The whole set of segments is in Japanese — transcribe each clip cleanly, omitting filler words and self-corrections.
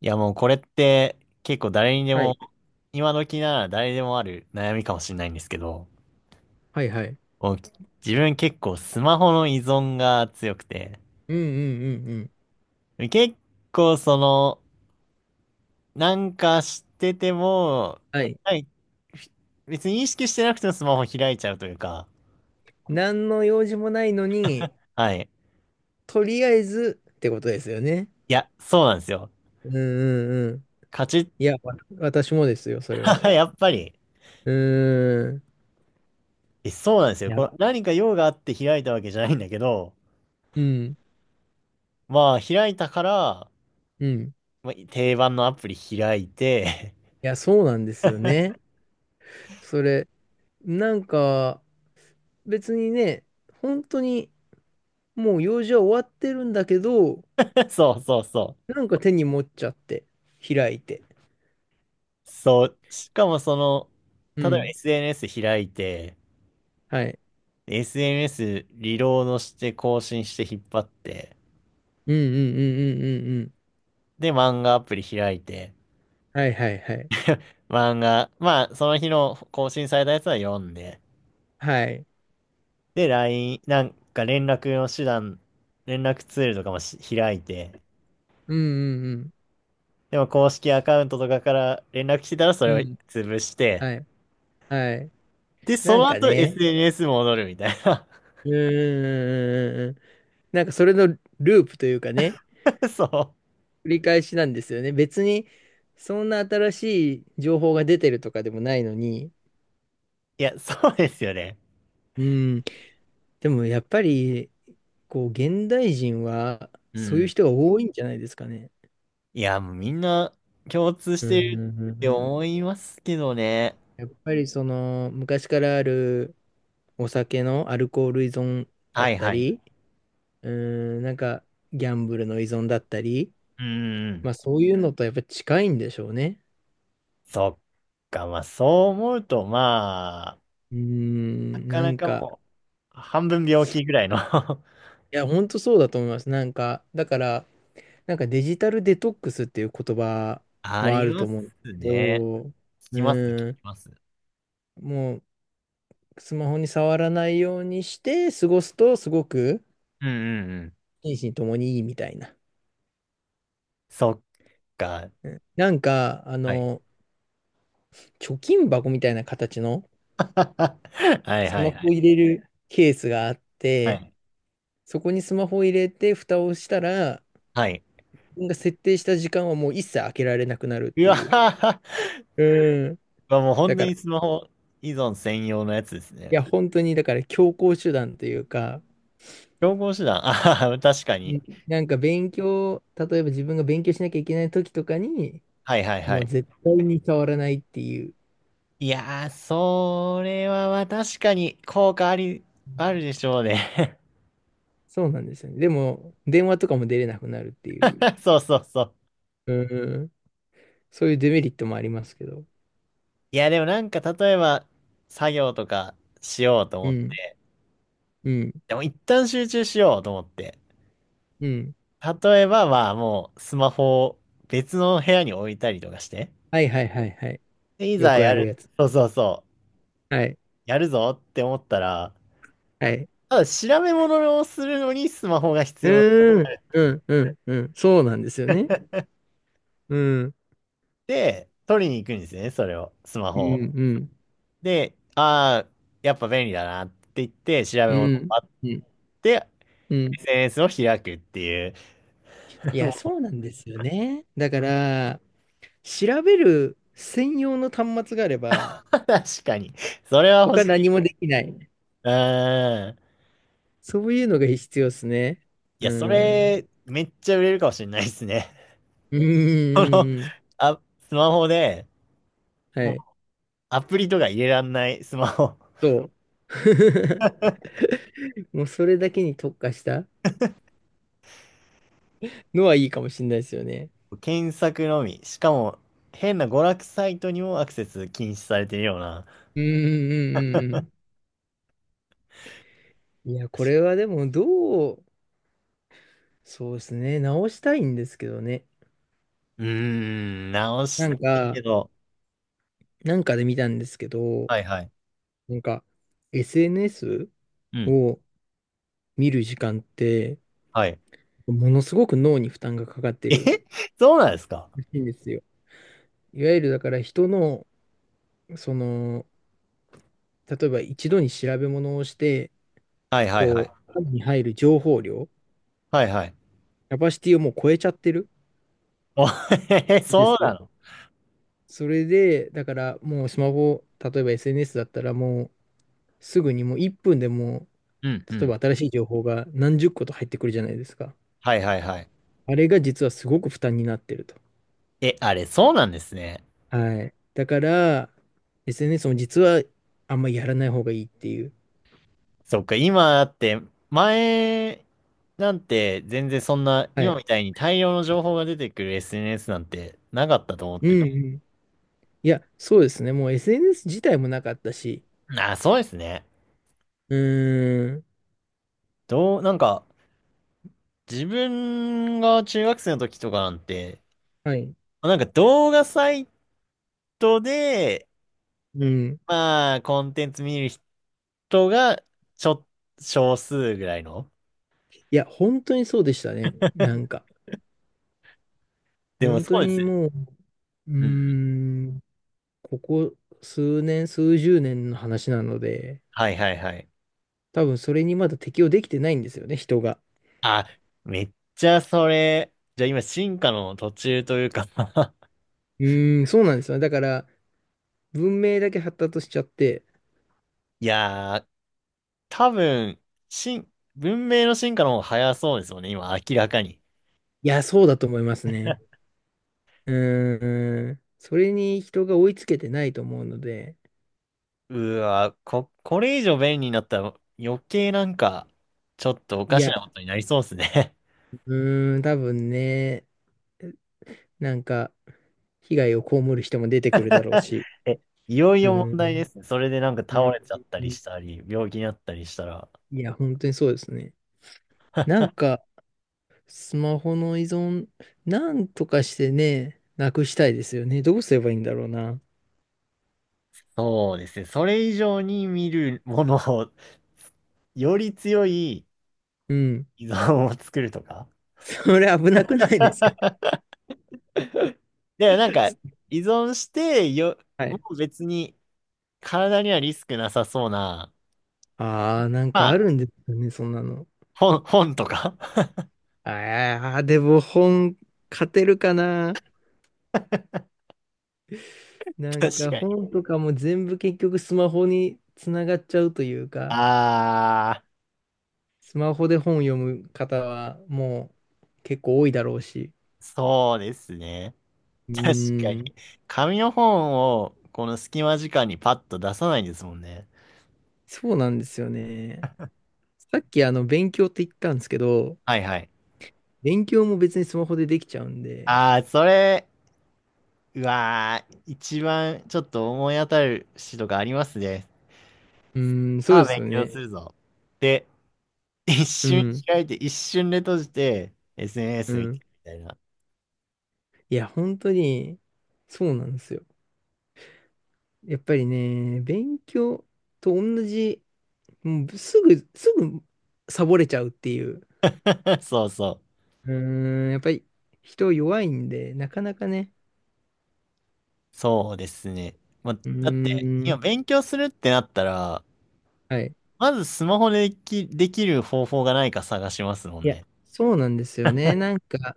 いやもうこれって結構誰にではも、い。今時なら誰でもある悩みかもしれないんですけど、はいはい。もう自分結構スマホの依存が強くて、うんうんうんうん。結構その、なんかしてても、はい。はい、ふ別に意識してなくてもスマホ開いちゃうというか。何の用事もないのに、はい。とりあえずってことですよね。いや、そうなんですよ。うんうんうん。カチいや、私もですよ、それは。ッ、やっぱり、うーん。え、そうなんですいよ。や、これ何か用があって開いたわけじゃないんだけど、うん。まあ開いたから、うん。いまあ、定番のアプリ開いて。 や、そうなんですよね。それ、なんか、別にね、本当にもう用事は終わってるんだけど、そうそうそなんか手に持っちゃって、開いて。う。そう。しかもその、う例えば ん。SNS 開いて、はい。SNS リロードして更新して引っ張って、うんうんうんうんうんうん。で、漫画アプリ開いて、はいはいはい。漫画、まあ、その日の更新されたやつは読んで、はい。で、ラインなんか連絡の手段、連絡ツールとかもし開いて、うんうんでも公式アカウントとかから連絡来たらそうれん。をうん。潰して、はい。はい。で、なそんのか後 ね、SNS 戻るみたいな。うーん。なんかそれのループというかね、そう。繰り返しなんですよね。別に、そんな新しい情報が出てるとかでもないのに。いや、そうですよね。うん。でもやっぱり、こう、現代人は、うそういうん。人が多いんじゃないですかね。いや、もうみんな共通しうんうてるんうってんう思ん。いますけどね。やっぱりその、昔からあるお酒のアルコール依存だっはいたはい。うり、うーん、なんか、ギャンブルの依存だったり、ーまん。あそういうのとやっぱ近いんでしょうね。そっか。まあそう思うと、まうーあ、なん、かななんかか、もう、半分病気ぐらいの。 いや、ほんとそうだと思います。なんか、だから、なんかデジタルデトックスっていう言葉あもありるとます思うんですけね。ど、う聞きます、聞きーん、ます。もうスマホに触らないようにして過ごすとすごくうんうんうん。心身ともにいいみたいな。そっか。なんか、あはい。の、貯金箱みたいな形の はいはいスはい。マホを入れるケースがあっはて、い。そこにスマホを入れて、蓋をしたら、はい。自分が設定した時間はもう一切開けられなくなるっうてわいう。はうん。は、もうだ本当から、にいスマホ依存専用のやつですね。や、本当に、だから強行手段というか、競合手段。あはは、確かうに。ん、なんか勉強、例えば自分が勉強しなきゃいけない時とかに、はいはいはもうい。絶対に触らないっていう。いやー、それはまあ確かに効果あり、あるでしょうね。そうなんですよね。でも、電話とかも出れなくなるっていう。そうそうそう。うん。そういうデメリットもありますけど。いや、でもなんか例えば作業とかしようとう思っん。て。うん。でも一旦集中しようと思って。うん。例えばまあもうスマホを別の部屋に置いたりとかして。はいはいはいはい。でいよざくやあるる。やつ。そうそうそう。はい。やるぞって思ったら、はい。ただ調べ物をするのにスマホが必う要ってーん、う言っん、うん、うん。そうなんですよね。うん、て、取りに行くんですよね、それを。スマうホん、を。うん、で、ああ、やっぱ便利だなって言って、調べう物をん、待っうん。て、うん、 SNS を開くっていう。い もや、うそうなんですよね。だから、調べる専用の端末があれば、確かに。それは欲他しい。何もできない。うーん。そういうのが必要ですね。いうや、それ、ん。めっちゃ売れるかもしれないですね。うん、うん、この、うんうん。あ、スマホで、はもうい。アプリとか入れらんないスマホ。そう。もうそれだけに特化したのはいいかもしれないですよね。検索のみ。しかも、変な娯楽サイトにもアクセス禁止されてるような。うん、うん、うん、うん。うん、いや、これはでも、どう、そうですね。直したいんですけどね。うーん、直しなたんいけか、ど。なんかで見たんですけど、はいはい。なんか、SNS うん。を見る時間って、はい。ものすごく脳に負担がかかってるえ。 そうなんですか。らしいんですよ。いわゆるだから人の、その、例えば一度に調べ物をして、はいはいはこい。う、頭に入る情報量、はいはい。キャパシティをもう超えちゃってるお。 へへ、んでそうすよ。なの。それで、だからもうスマホ、例えば SNS だったらもうすぐにもう1分でもうんう例えばん。新しい情報が何十個と入ってくるじゃないですか。はいはいはい。あれが実はすごく負担になってると。え、あれ、そうなんですね。はい。だから、SNS も実はあんまりやらない方がいいっていう。そっか、今だって、前なんて全然そんな、は今い。みたいに大量の情報が出てくる SNS なんてなかったと思っうてんて。うん。いや、そうですね。もう SNS 自体もなかったし。ああ、そうですね。うーん。どう、なんか、自分が中学生の時とかなんて、はい。なんか動画サイトで、うん。まあ、コンテンツ見る人が、ちょ、少数ぐらいの。いや、本当にそうでしたね。なんか。でも本そ当うですによ。もう、うーうん。ん、ここ数年、数十年の話なので、はいはいはい。多分それにまだ適応できてないんですよね、人が。あ、めっちゃそれ、じゃあ今進化の途中というか。 うーん、そうなんですよ。だから、文明だけ発達しちゃって、いやー、多分、進、文明の進化の方が早そうですよね、今明らかに。いや、そうだと思いますね。うーん、それに人が追いつけてないと思うので、うわ、こ、これ以上便利になったら余計なんか、ちょっとおいかしや、なことになりそうですね。 うーん、多分ね、なんか、被害を被る人も出てくるだろう し、え、いよいうーよ問題でん、すね。それでなんかう倒ん、れちゃったうりん、したり、病気になったりしたら。いや、本当にそうですね。なんか、スマホの依存、なんとかしてね、なくしたいですよね。どうすればいいんだろうな。そうですね。それ以上に見るものを、より強いうん、依存を作るとか。それ危なくないですか？ で、なんか、依存してよ、はもい、う別に体にはリスクなさそうな、ああ、なんまかあるあ、んですよね、そんなの。本、本とか。 ああ、でも本、勝てるかな。な ん確かかに。本とかも全部結局スマホにつながっちゃうというか、ああ、スマホで本読む方はもう結構多いだろうし。そうですね。うー確かに。ん、紙の本を、この隙間時間にパッと出さないんですもんね。そうなんですよね。さっきあの勉強って言ったんですけど、はいはい。勉強も別にスマホでできちゃうんで、ああ、それ、うわー、一番ちょっと思い当たる詩とかありますね。うーん、そうさあ、です勉よ強ね。するぞ。で、一う瞬ん、開いて、一瞬で閉じて、う SNS 見てん。みたいな。いや、本当に、そうなんですよ。やっぱりね、勉強と同じ、もうすぐサボれちゃうっていう。そうそう。うーん、やっぱり人弱いんで、なかなかね。そうですね。まあ、うーだって、今ん、勉強するってなったら、はい。まずスマホででき、できる方法がないか探しますもんいや、ね。そうなんですよね。なんか、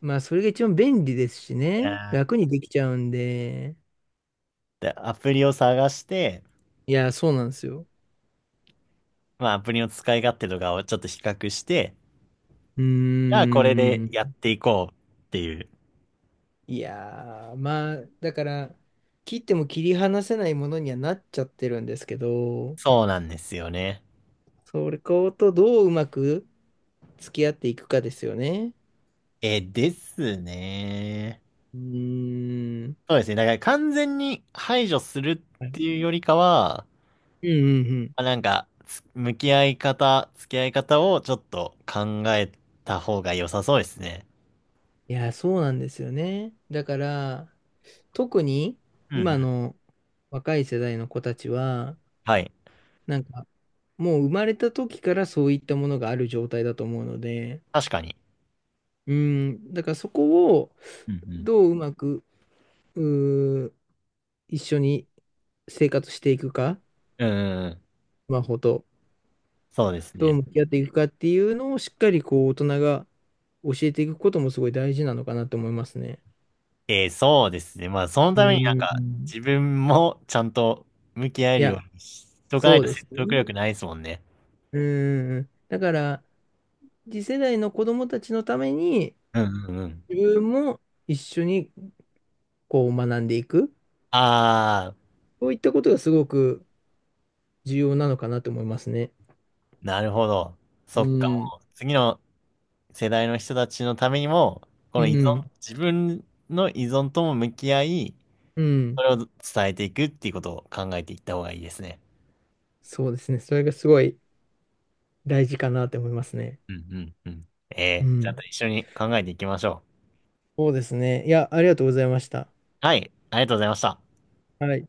まあ、それが一番便利ですしいね。やー、楽にできちゃうんで。でアプリを探して、いや、そうなんですよ。まあ、アプリの使い勝手とかをちょっと比較して、うーじゃあこれでやっん。ていこうっていう。いやー、まあ、だから、切っても切り離せないものにはなっちゃってるんですけど、そうなんですよね。それことどううまく付き合っていくかですよね。え、ですね。うーん。そうですね。だから完全に排除するはっい、ていうよりかは、うんうんうん。あなんか、つ向き合い方、付き合い方をちょっと考えた方が良さそうですね。いや、そうなんですよね。だから、特にうんう今ん。の若い世代の子たちは、はい。なんかもう生まれた時からそういったものがある状態だと思うので、確かに。うん。だからそこをうんどううまく、うー一緒に生活していくか、うん。うんうんうんうん。スマホと。そうですどうね。向き合っていくかっていうのをしっかりこう大人が教えていくこともすごい大事なのかなと思いますね。えー、そうですね。まあ、そのうためになんか、ん。自分もちゃんと向き合えいるよや、うにしとかなそいうとで説す得ね。力ないですもんね。うん。だから、次世代の子供たちのために、うんうんうん。自分も一緒にこう学んでいく。あそういったことがすごく重要なのかなと思いますね。ー、なるほど。そうっか、ん。もう、次の世代の人たちのためにも、こうの依ん。存、自分の依存とも向き合い、うん。それを伝えていくっていうことを考えていった方がいいですね。そうですね。それがすごい大事かなと思いますね。うんうんうん。えうえ、ちゃんとん。一緒に考えていきましょう。そうですね。いや、ありがとうございました。はい、ありがとうございました。はい。